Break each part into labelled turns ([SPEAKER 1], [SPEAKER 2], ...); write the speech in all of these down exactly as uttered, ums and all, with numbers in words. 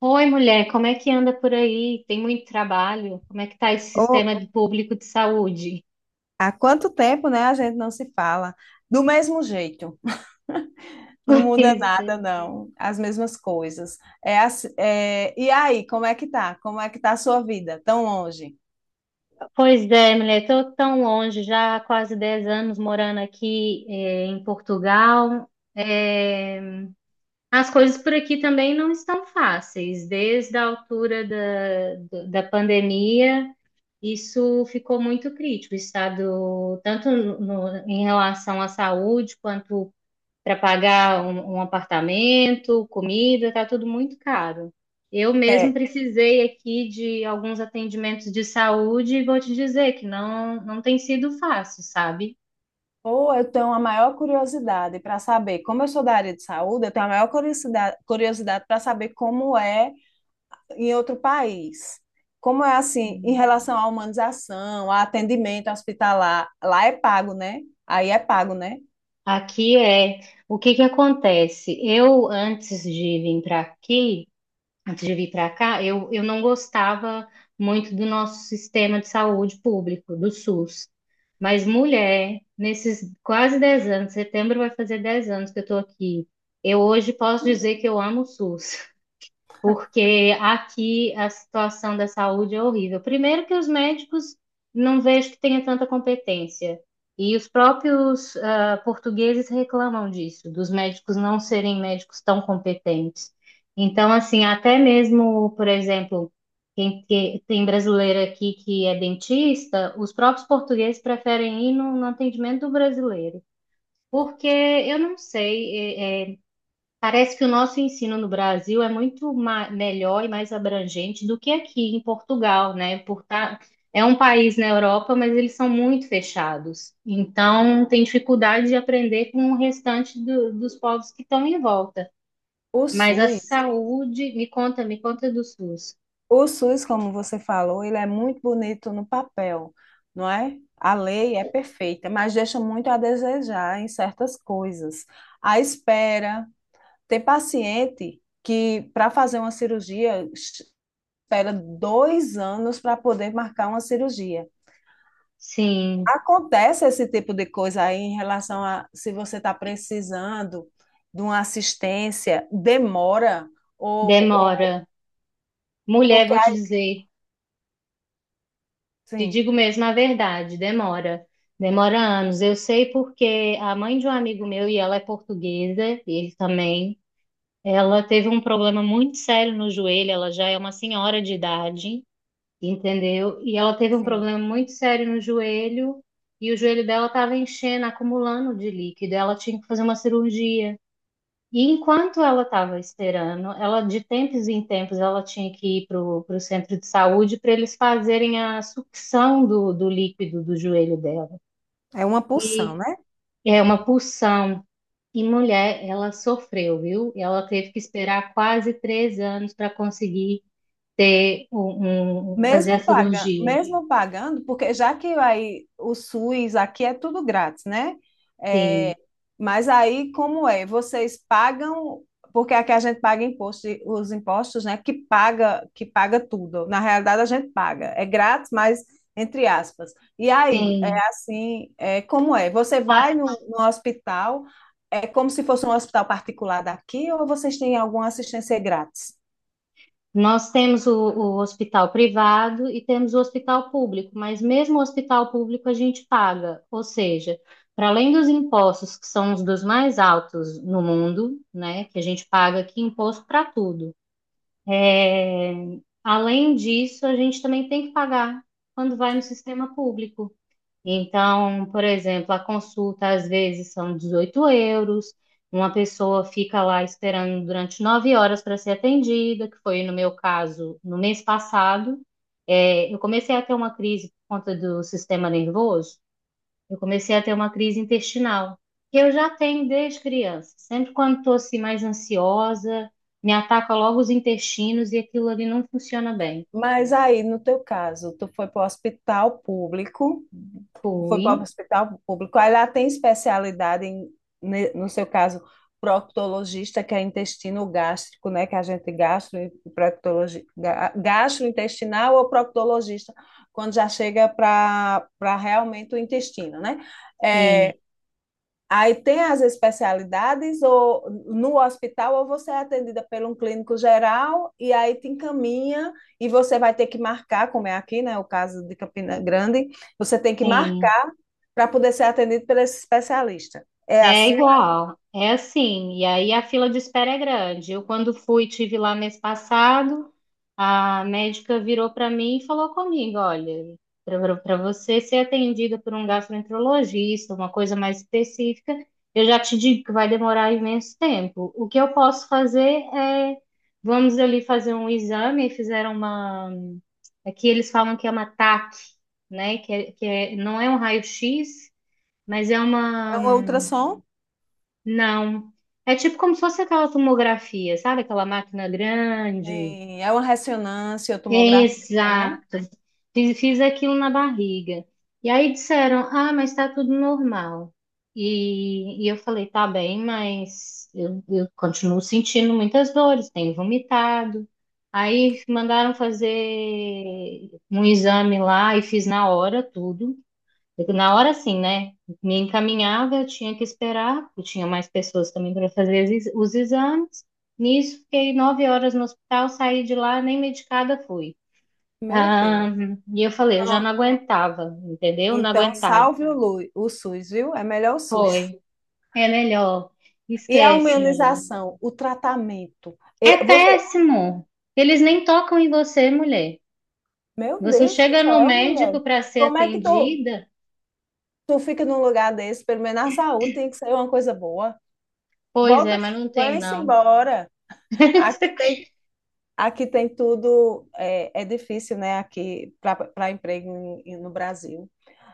[SPEAKER 1] Oi, mulher, como é que anda por aí? Tem muito trabalho? Como é que tá esse
[SPEAKER 2] Ô,
[SPEAKER 1] sistema de- público de saúde?
[SPEAKER 2] há quanto tempo, né, a gente não se fala? Do mesmo jeito, não muda
[SPEAKER 1] Pois é,
[SPEAKER 2] nada, não. As mesmas coisas. É, ass- é, e aí, como é que tá? Como é que tá a sua vida tão longe?
[SPEAKER 1] pois é, mulher, tô tão longe, já há quase dez anos morando aqui, eh, em Portugal. Eh, as coisas por aqui também não estão fáceis. Desde a altura da, da pandemia, isso ficou muito crítico, o estado, tanto no- no- em relação à saúde quanto para pagar um, um apartamento, comida, está tudo muito caro. Eu mesmo
[SPEAKER 2] É,
[SPEAKER 1] precisei aqui de alguns atendimentos de saúde e vou te dizer que não, não tem sido fácil, sabe?
[SPEAKER 2] ou eu tenho a maior curiosidade para saber, como eu sou da área de saúde, eu tenho a maior curiosidade, curiosidade para saber como é em outro país. Como é assim, em
[SPEAKER 1] Hum.
[SPEAKER 2] relação à humanização, a atendimento hospitalar, lá é pago, né? Aí é pago, né?
[SPEAKER 1] Aqui é o que que acontece? Eu, antes de vir para aqui, antes de vir para cá, eu, eu não gostava muito do nosso sistema de saúde público, do SUS. Mas, mulher, nesses quase dez anos, setembro vai fazer dez anos que eu estou aqui. Eu hoje posso dizer que eu amo o SUS porque aqui a situação da saúde é horrível. Primeiro que os médicos não vejo que tenha tanta competência. E os próprios ah, portugueses reclamam disso, dos médicos não serem médicos tão competentes. Então, assim, até mesmo, por exemplo, quem que- tem brasileiro aqui que é dentista, os próprios portugueses preferem ir no no atendimento do brasileiro. Porque eu não sei, é, é, parece que o nosso ensino no Brasil é muito ma- melhor e mais abrangente do que aqui em Portugal, né? Por tá- É um país na Europa, mas eles são muito fechados. Então, tem dificuldade de aprender com o restante do- dos povos que estão em volta.
[SPEAKER 2] O
[SPEAKER 1] Mas a
[SPEAKER 2] SUS.
[SPEAKER 1] saúde, me conta, me conta do SUS.
[SPEAKER 2] O SUS, como você falou, ele é muito bonito no papel, não é? A lei é perfeita, mas deixa muito a desejar em certas coisas. A espera, tem paciente que para fazer uma cirurgia espera dois anos para poder marcar uma cirurgia.
[SPEAKER 1] Sim,
[SPEAKER 2] Acontece esse tipo de coisa aí em relação a se você está precisando de uma assistência, demora ou, ou
[SPEAKER 1] demora. Mulher,
[SPEAKER 2] porque
[SPEAKER 1] vou te dizer, te
[SPEAKER 2] assim,
[SPEAKER 1] digo mesmo a verdade, demora. Demora anos. Eu sei porque a mãe de um amigo meu, e ela é portuguesa, e ele também. Ela teve um problema muito sério no joelho, ela já é uma senhora de idade, entendeu? E ela teve um
[SPEAKER 2] sim,
[SPEAKER 1] problema muito sério no joelho, e o joelho dela estava enchendo, acumulando de líquido, ela tinha que fazer uma cirurgia. E enquanto ela estava esperando, ela de tempos em tempos ela tinha que ir para o centro de saúde para eles fazerem a sucção do, do líquido do joelho dela.
[SPEAKER 2] é uma pulsão,
[SPEAKER 1] E
[SPEAKER 2] né?
[SPEAKER 1] é uma pulsão. E mulher, ela sofreu, viu? Ela teve que esperar quase três anos para conseguir ter um, um- fazer a
[SPEAKER 2] Mesmo paga,
[SPEAKER 1] cirurgia.
[SPEAKER 2] mesmo pagando, porque já que aí o SUS aqui é tudo grátis, né?
[SPEAKER 1] Sim,
[SPEAKER 2] Mas aí como é? Vocês pagam, porque aqui a gente paga imposto, de- os impostos, né? Que paga, que paga tudo. Na realidade a gente paga, é grátis, mas entre aspas. E aí é
[SPEAKER 1] sim.
[SPEAKER 2] assim, é como é? Você vai no,
[SPEAKER 1] A-
[SPEAKER 2] no hospital, é como se fosse um hospital particular daqui, ou vocês têm alguma assistência grátis?
[SPEAKER 1] Nós temos o, o hospital privado e temos o hospital público, mas mesmo o hospital público a gente paga, ou seja, para além dos impostos, que são os dos mais altos no mundo, né, que a gente paga aqui imposto para tudo. É, além disso, a gente também tem que pagar quando vai no sistema público. Então, por exemplo, a consulta às vezes são dezoito euros, uma pessoa fica lá esperando durante nove horas para ser atendida, que foi no meu caso no mês passado. É, eu comecei a ter uma crise por conta do sistema nervoso. Eu comecei a ter uma crise intestinal, que eu já tenho desde criança. Sempre quando estou assim mais ansiosa, me ataca logo os intestinos e aquilo ali não funciona bem.
[SPEAKER 2] Mas aí, no teu caso, tu foi para o hospital público. foi para o
[SPEAKER 1] Fui,
[SPEAKER 2] hospital público. Aí lá tem especialidade em, ne- no seu caso, proctologista, que é intestino gástrico, né? Que a gente gastro, proctologi- ga- gastrointestinal ou proctologista, quando já chega para para realmente o intestino, né?
[SPEAKER 1] sim,
[SPEAKER 2] É, aí tem as especialidades ou no hospital ou você é atendida por um clínico geral e aí te encaminha e você vai ter que marcar, como é aqui, né? O caso de Campina Grande, você tem que
[SPEAKER 1] sim.
[SPEAKER 2] marcar para poder ser atendido por esse especialista. É
[SPEAKER 1] É
[SPEAKER 2] assim?
[SPEAKER 1] igual, é assim. E aí a fila de espera é grande. Eu, quando fui, tive lá mês passado, a médica virou para mim e falou comigo: olha, para você ser atendida por um gastroenterologista, uma coisa mais específica, eu já te digo que vai demorar imenso tempo. O que eu posso fazer é, vamos ali fazer um exame. E fizeram uma. Aqui eles falam que é uma TAC, né? Que, é- que é- não é um raio-x, mas é
[SPEAKER 2] É
[SPEAKER 1] uma.
[SPEAKER 2] um ultrassom?
[SPEAKER 1] Não. É tipo como se fosse aquela tomografia, sabe? Aquela máquina grande.
[SPEAKER 2] Sim, é uma ressonância, tomografia, né?
[SPEAKER 1] Exato. Fiz, fiz aquilo na barriga. E aí disseram, ah, mas tá tudo normal. E, e eu falei, tá bem, mas eu, eu continuo sentindo muitas dores, tenho vomitado. Aí mandaram fazer um exame lá e fiz na hora tudo. Na hora, sim, né? Me encaminhava, eu tinha que esperar, porque tinha mais pessoas também para fazer exi- os exames. Nisso, fiquei nove horas no hospital, saí de lá, nem medicada fui.
[SPEAKER 2] Meu
[SPEAKER 1] Ah,
[SPEAKER 2] Deus.
[SPEAKER 1] e eu falei, eu já não
[SPEAKER 2] Então,
[SPEAKER 1] aguentava, entendeu? Não
[SPEAKER 2] então
[SPEAKER 1] aguentava.
[SPEAKER 2] salve o, Lu- o SUS, viu? É melhor o SUS.
[SPEAKER 1] Foi, é melhor.
[SPEAKER 2] E a
[SPEAKER 1] Esquece, mulher.
[SPEAKER 2] humanização, o tratamento.
[SPEAKER 1] É
[SPEAKER 2] E você,
[SPEAKER 1] péssimo. Eles nem tocam em você, mulher.
[SPEAKER 2] meu
[SPEAKER 1] Você
[SPEAKER 2] Deus do
[SPEAKER 1] chega no
[SPEAKER 2] céu,
[SPEAKER 1] médico
[SPEAKER 2] mulher.
[SPEAKER 1] para ser
[SPEAKER 2] Como é que tu,
[SPEAKER 1] atendida,
[SPEAKER 2] tu fica num lugar desse? Pelo menos na saúde tem que ser uma coisa boa.
[SPEAKER 1] pois
[SPEAKER 2] Volta,
[SPEAKER 1] é, mas não tem
[SPEAKER 2] vai-se
[SPEAKER 1] não.
[SPEAKER 2] embora. Aqui tem Aqui tem tudo, é, é difícil, né, aqui para emprego em- em- no Brasil.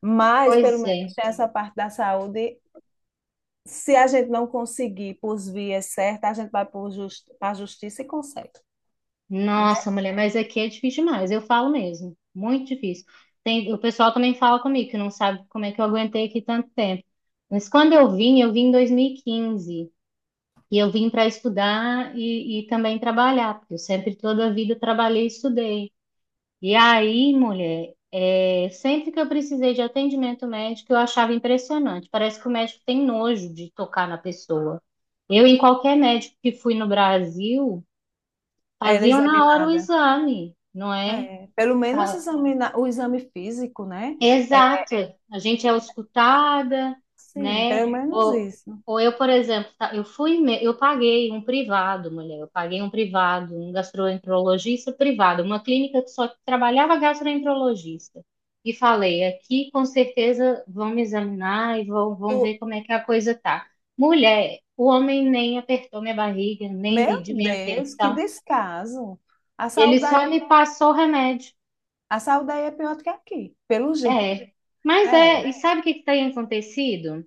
[SPEAKER 2] Mas, pelo
[SPEAKER 1] Pois
[SPEAKER 2] menos,
[SPEAKER 1] é.
[SPEAKER 2] tem essa parte da saúde. Se a gente não conseguir por vias certas, a gente vai para a justiça e consegue, né?
[SPEAKER 1] Nossa, mulher, mas aqui é difícil demais, eu falo mesmo, muito difícil. Tem, o pessoal também fala comigo que não sabe como é que eu aguentei aqui tanto tempo. Mas quando eu vim, eu vim em dois mil e quinze e quinze e eu vim para estudar e, e também trabalhar, porque eu sempre, toda a vida, trabalhei e estudei. E aí, mulher, é, sempre que eu precisei de atendimento médico, eu achava impressionante. Parece que o médico tem nojo de tocar na pessoa. Eu, em qualquer médico que fui no Brasil,
[SPEAKER 2] Era
[SPEAKER 1] faziam na hora o
[SPEAKER 2] examinada.
[SPEAKER 1] exame, não é?
[SPEAKER 2] É, pelo menos
[SPEAKER 1] Tá-
[SPEAKER 2] examinar o exame físico, né? É,
[SPEAKER 1] Exato. A gente é auscultada,
[SPEAKER 2] sim,
[SPEAKER 1] né?
[SPEAKER 2] pelo menos
[SPEAKER 1] Ou,
[SPEAKER 2] isso.
[SPEAKER 1] ou eu, por exemplo, tá- eu fui, me- eu paguei um privado, mulher, eu paguei um privado, um gastroenterologista privado, uma clínica que só trabalhava gastroenterologista. E falei, aqui com certeza vão me examinar e vão, vão ver
[SPEAKER 2] Tu-
[SPEAKER 1] como é que a coisa tá. Mulher, o homem nem apertou minha barriga, nem
[SPEAKER 2] meu
[SPEAKER 1] mediu minha
[SPEAKER 2] Deus, que
[SPEAKER 1] atenção.
[SPEAKER 2] descaso. A
[SPEAKER 1] Ele
[SPEAKER 2] saúde, aí-
[SPEAKER 1] só me passou o remédio.
[SPEAKER 2] a saúde aí é pior do que aqui, pelo jeito.
[SPEAKER 1] É, mas
[SPEAKER 2] É, é.
[SPEAKER 1] é, e sabe o que que tem acontecido?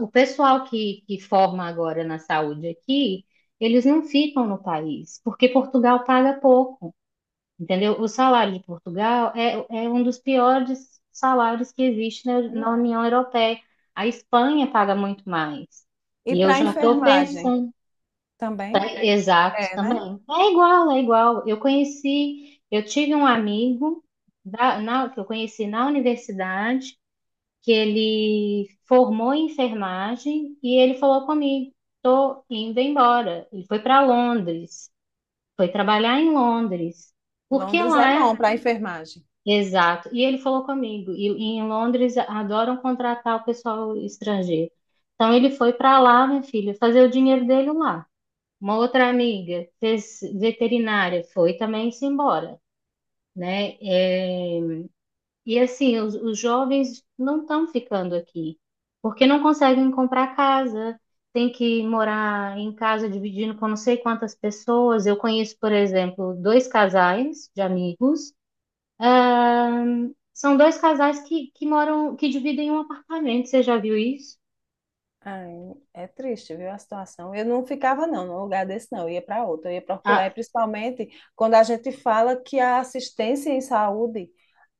[SPEAKER 1] O pessoal que, que forma agora na saúde aqui, eles não ficam no país, porque Portugal paga pouco, entendeu? O salário de Portugal é, é um dos piores salários que existe na, na União Europeia. A Espanha paga muito mais.
[SPEAKER 2] E
[SPEAKER 1] E eu
[SPEAKER 2] para
[SPEAKER 1] já estou
[SPEAKER 2] enfermagem?
[SPEAKER 1] pensando, tá?
[SPEAKER 2] Também?
[SPEAKER 1] Exato,
[SPEAKER 2] É, né?
[SPEAKER 1] também. É igual, é igual. Eu conheci, eu tive um amigo da- na- que eu conheci na universidade que ele formou em enfermagem e ele falou comigo, tô indo embora. Ele foi para Londres, foi trabalhar em Londres, porque
[SPEAKER 2] Londres é
[SPEAKER 1] lá
[SPEAKER 2] bom
[SPEAKER 1] é
[SPEAKER 2] para enfermagem.
[SPEAKER 1] exato. E, ele falou comigo, e, e em Londres adoram contratar o pessoal estrangeiro. Então ele foi para lá, minha filha, fazer o dinheiro dele lá. Uma outra amiga fez veterinária, foi também se embora, né? É, e assim, os, os jovens não estão ficando aqui, porque não conseguem comprar casa, tem que morar em casa dividindo com não sei quantas pessoas. Eu conheço, por exemplo, dois casais de amigos. Ahn, são dois casais que, que moram, que dividem um apartamento. Você já viu isso?
[SPEAKER 2] Ai, é triste, viu, a situação. Eu não ficava, não, num lugar desse, não. Eu ia para outro, eu ia procurar. E
[SPEAKER 1] Ah,
[SPEAKER 2] principalmente quando a gente fala que a assistência em saúde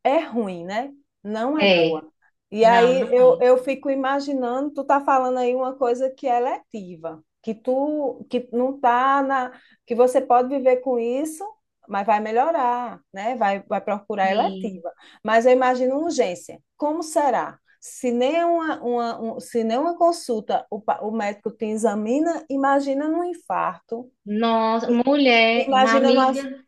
[SPEAKER 2] é ruim, né? Não é
[SPEAKER 1] é.
[SPEAKER 2] boa. E
[SPEAKER 1] Não,
[SPEAKER 2] aí
[SPEAKER 1] não
[SPEAKER 2] eu,
[SPEAKER 1] é.
[SPEAKER 2] eu fico imaginando, tu tá falando aí uma coisa que é letiva, que tu que não tá na, que você pode viver com isso, mas vai melhorar, né? Vai, vai procurar
[SPEAKER 1] E,
[SPEAKER 2] eletiva. Mas eu imagino uma urgência. Como será? Se nem uma, uma, um- se nem uma consulta o, pa- o médico te examina, imagina num infarto,
[SPEAKER 1] Nossa,
[SPEAKER 2] i-
[SPEAKER 1] mulher, uma
[SPEAKER 2] imagina numa...
[SPEAKER 1] amiga.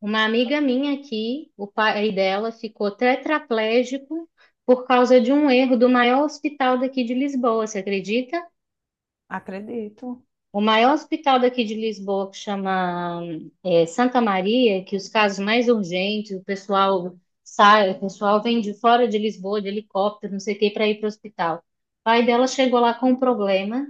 [SPEAKER 1] Uma amiga minha aqui, o pai dela ficou tetraplégico por causa de um erro do maior hospital daqui de Lisboa, você acredita?
[SPEAKER 2] Acredito.
[SPEAKER 1] O maior hospital daqui de Lisboa, que chama é, Santa Maria, que os casos mais urgentes, o pessoal sai, o pessoal vem de fora de Lisboa, de helicóptero, não sei o que, para ir para o hospital. O pai dela chegou lá com um problema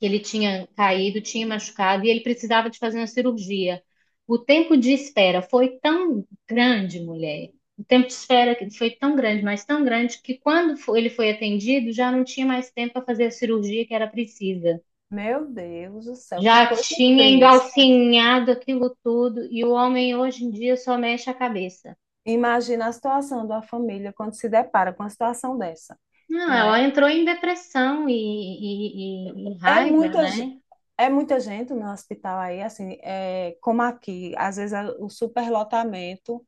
[SPEAKER 1] que ele tinha caído, tinha machucado e ele precisava de fazer uma cirurgia. O tempo de espera foi tão grande, mulher. O tempo de espera que foi tão grande, mas tão grande, que quando fo- ele foi atendido, já não tinha mais tempo para fazer a cirurgia que era precisa.
[SPEAKER 2] Meu Deus do céu, que
[SPEAKER 1] Já
[SPEAKER 2] coisa
[SPEAKER 1] tinha
[SPEAKER 2] triste.
[SPEAKER 1] engalfinhado aquilo tudo e o homem hoje em dia só mexe a cabeça.
[SPEAKER 2] Imagina a situação da família quando se depara com uma situação dessa,
[SPEAKER 1] Não,
[SPEAKER 2] não
[SPEAKER 1] ela
[SPEAKER 2] é?
[SPEAKER 1] entrou em depressão e, e e- e
[SPEAKER 2] É
[SPEAKER 1] raiva,
[SPEAKER 2] muita, ge-
[SPEAKER 1] né?
[SPEAKER 2] é muita gente no hospital aí, assim, é, como aqui, às vezes a- o superlotamento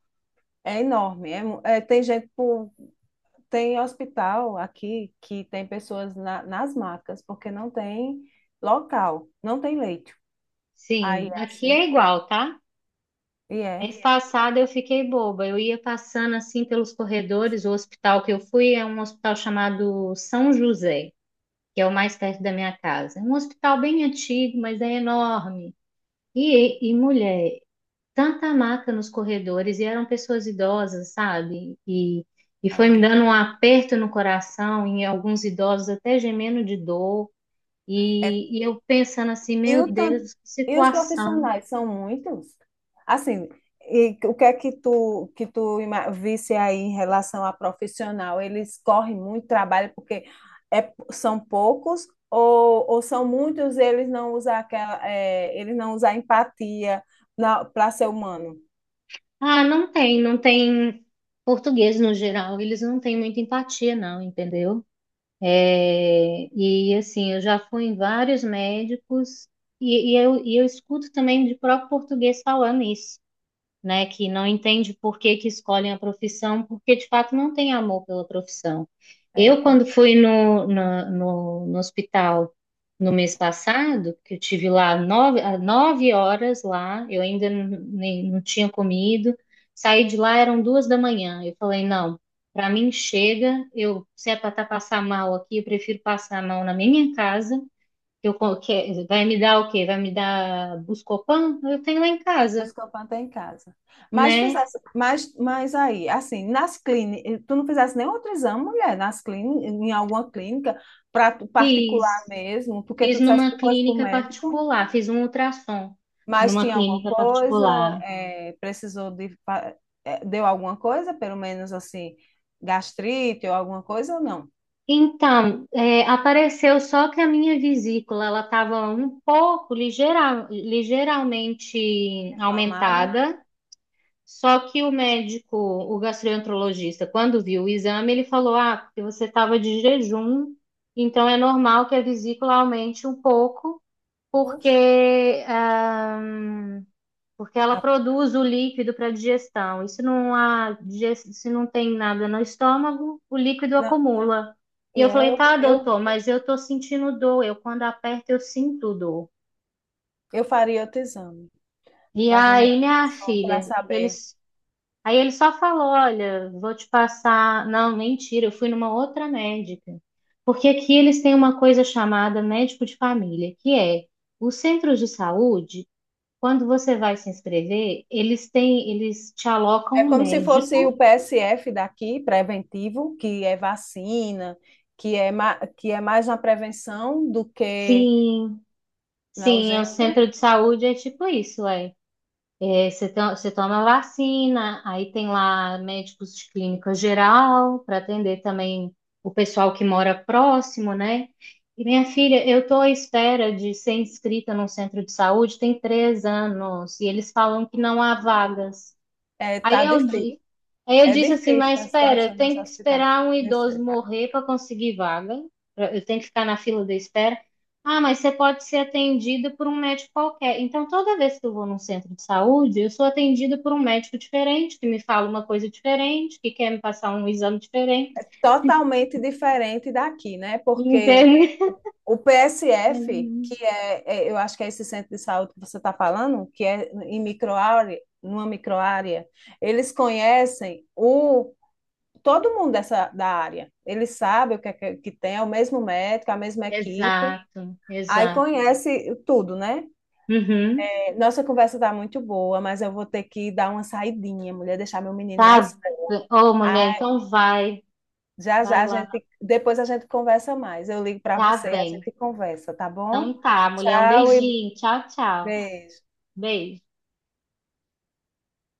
[SPEAKER 2] é enorme. É mu- é, tem gente por, tem hospital aqui que tem pessoas na- nas macas, porque não tem local, não tem leito. Aí
[SPEAKER 1] Sim,
[SPEAKER 2] é
[SPEAKER 1] aqui
[SPEAKER 2] assim,
[SPEAKER 1] é igual, tá?
[SPEAKER 2] e é.
[SPEAKER 1] Mês passado eu fiquei boba. Eu ia passando assim pelos corredores. O hospital que eu fui é um hospital chamado São José, que é o mais perto da minha casa. É um hospital bem antigo, mas é enorme. E, e mulher, tanta maca nos corredores, e eram pessoas idosas, sabe? E, e foi me
[SPEAKER 2] Ai,
[SPEAKER 1] dando um aperto no coração, em alguns idosos até gemendo de dor. E, e eu pensando assim,
[SPEAKER 2] E,
[SPEAKER 1] meu
[SPEAKER 2] o tan-
[SPEAKER 1] Deus, que
[SPEAKER 2] e os
[SPEAKER 1] situação.
[SPEAKER 2] profissionais são muitos? Assim, e o que é que tu, que tu ima- visse aí em relação a profissional? Eles correm muito trabalho porque é, são poucos ou, ou são muitos e eles não usam aquela, é, eles não usam empatia para ser humano?
[SPEAKER 1] Ah, não tem, não tem português no geral, eles não têm muita empatia, não, entendeu? É, e assim, eu já fui em vários médicos e, e eu, e eu escuto também de próprio português falando isso né, que não entende por que que escolhem a profissão, porque de fato não tem amor pela profissão.
[SPEAKER 2] É.
[SPEAKER 1] Eu, quando fui no, no, no- no hospital no mês passado, que eu tive lá nove, ah, nove horas lá, eu ainda n- nem, não tinha comido, saí de lá, eram duas da manhã. Eu falei, não, para mim chega, eu, se é para tá passar mal aqui, eu prefiro passar mal na minha casa, que eu, co- que, vai me dar o quê? Vai me dar Buscopan? Eu tenho lá em
[SPEAKER 2] Dos
[SPEAKER 1] casa,
[SPEAKER 2] que eu plantei em casa. Mas
[SPEAKER 1] né?
[SPEAKER 2] fizesse, mas, mas aí, assim, nas clínicas, tu não fizesse nenhum outro exame, mulher, nas clínicas, em alguma clínica, pra, tu- particular
[SPEAKER 1] Fiz,
[SPEAKER 2] mesmo, porque
[SPEAKER 1] fiz
[SPEAKER 2] tu dissesse
[SPEAKER 1] numa
[SPEAKER 2] que fosse para o
[SPEAKER 1] clínica
[SPEAKER 2] médico,
[SPEAKER 1] particular, fiz um ultrassom
[SPEAKER 2] mas
[SPEAKER 1] numa
[SPEAKER 2] tinha alguma
[SPEAKER 1] clínica
[SPEAKER 2] coisa,
[SPEAKER 1] particular.
[SPEAKER 2] é, precisou de, fa- é, deu alguma coisa, pelo menos assim, gastrite ou alguma coisa ou não?
[SPEAKER 1] Então, é, apareceu só que a minha vesícula ela estava um pouco ligeira, ligeiramente
[SPEAKER 2] Inflamada?
[SPEAKER 1] aumentada. Só que o médico, o gastroenterologista, quando viu o exame, ele falou: Ah, porque você estava de jejum, então é normal que a vesícula aumente um pouco,
[SPEAKER 2] Oxe,
[SPEAKER 1] porque ah, porque ela
[SPEAKER 2] a-
[SPEAKER 1] produz o líquido para digestão. E se não há, diges- se não tem nada no estômago, o líquido
[SPEAKER 2] não,
[SPEAKER 1] acumula.
[SPEAKER 2] e
[SPEAKER 1] E eu
[SPEAKER 2] é,
[SPEAKER 1] falei,
[SPEAKER 2] eu,
[SPEAKER 1] tá,
[SPEAKER 2] eu,
[SPEAKER 1] doutor, mas eu tô sentindo dor. Eu, quando aperto, eu sinto dor.
[SPEAKER 2] eu faria outro exame,
[SPEAKER 1] E
[SPEAKER 2] fazia uma
[SPEAKER 1] aí, minha
[SPEAKER 2] ultrassom para
[SPEAKER 1] filha,
[SPEAKER 2] saber.
[SPEAKER 1] eles. Aí ele só falou, olha, vou te passar. Não, mentira, eu fui numa outra médica. Porque aqui eles têm uma coisa chamada médico de família, que é os centros de saúde, quando você vai se inscrever, eles têm, eles te alocam
[SPEAKER 2] É
[SPEAKER 1] um
[SPEAKER 2] como se fosse
[SPEAKER 1] médico.
[SPEAKER 2] o P S F daqui, preventivo, que é vacina, que é, ma- que é mais na prevenção do que
[SPEAKER 1] Sim,
[SPEAKER 2] na
[SPEAKER 1] sim, é o
[SPEAKER 2] urgência.
[SPEAKER 1] centro de saúde é tipo isso, é. É, você, to- você toma vacina, aí tem lá médicos de clínica geral para atender também o pessoal que mora próximo, né? E minha filha, eu estou à espera de ser inscrita num centro de saúde tem três anos e eles falam que não há vagas.
[SPEAKER 2] É,
[SPEAKER 1] Aí
[SPEAKER 2] tá
[SPEAKER 1] eu,
[SPEAKER 2] difícil.
[SPEAKER 1] di- aí eu
[SPEAKER 2] É
[SPEAKER 1] disse assim,
[SPEAKER 2] difícil
[SPEAKER 1] mas
[SPEAKER 2] a
[SPEAKER 1] espera, eu
[SPEAKER 2] situação nesse
[SPEAKER 1] tenho que
[SPEAKER 2] hospital.
[SPEAKER 1] esperar um
[SPEAKER 2] Nesse,
[SPEAKER 1] idoso morrer para conseguir vaga. pra- Eu tenho que ficar na fila da espera. Ah, mas você pode ser atendido por um médico qualquer. Então, toda vez que eu vou num centro de saúde, eu sou atendida por um médico diferente, que me fala uma coisa diferente, que quer me passar um exame diferente.
[SPEAKER 2] totalmente diferente daqui, né? Porque
[SPEAKER 1] Entende?
[SPEAKER 2] o o P S F,
[SPEAKER 1] Uhum.
[SPEAKER 2] que é, é, eu acho que é esse centro de saúde que você está falando, que é em microárea, numa microárea, eles conhecem o todo mundo dessa, da área. Ele sabe o que, é que, tem, é o mesmo médico, é a mesma equipe.
[SPEAKER 1] Exato,
[SPEAKER 2] Aí
[SPEAKER 1] exato.
[SPEAKER 2] conhece tudo, né?
[SPEAKER 1] Uhum.
[SPEAKER 2] É, nossa conversa tá muito boa, mas eu vou ter que dar uma saidinha, mulher, deixar meu menino na
[SPEAKER 1] Tá.
[SPEAKER 2] escola.
[SPEAKER 1] Ô, mulher,
[SPEAKER 2] Aí,
[SPEAKER 1] então vai,
[SPEAKER 2] já
[SPEAKER 1] vai
[SPEAKER 2] já a
[SPEAKER 1] lá.
[SPEAKER 2] gente, depois a gente conversa mais. Eu ligo para
[SPEAKER 1] Tá
[SPEAKER 2] você, e a
[SPEAKER 1] bem.
[SPEAKER 2] gente conversa, tá bom?
[SPEAKER 1] Então tá, mulher, um
[SPEAKER 2] Tchau e
[SPEAKER 1] beijinho. Tchau, tchau.
[SPEAKER 2] beijo.
[SPEAKER 1] Beijo.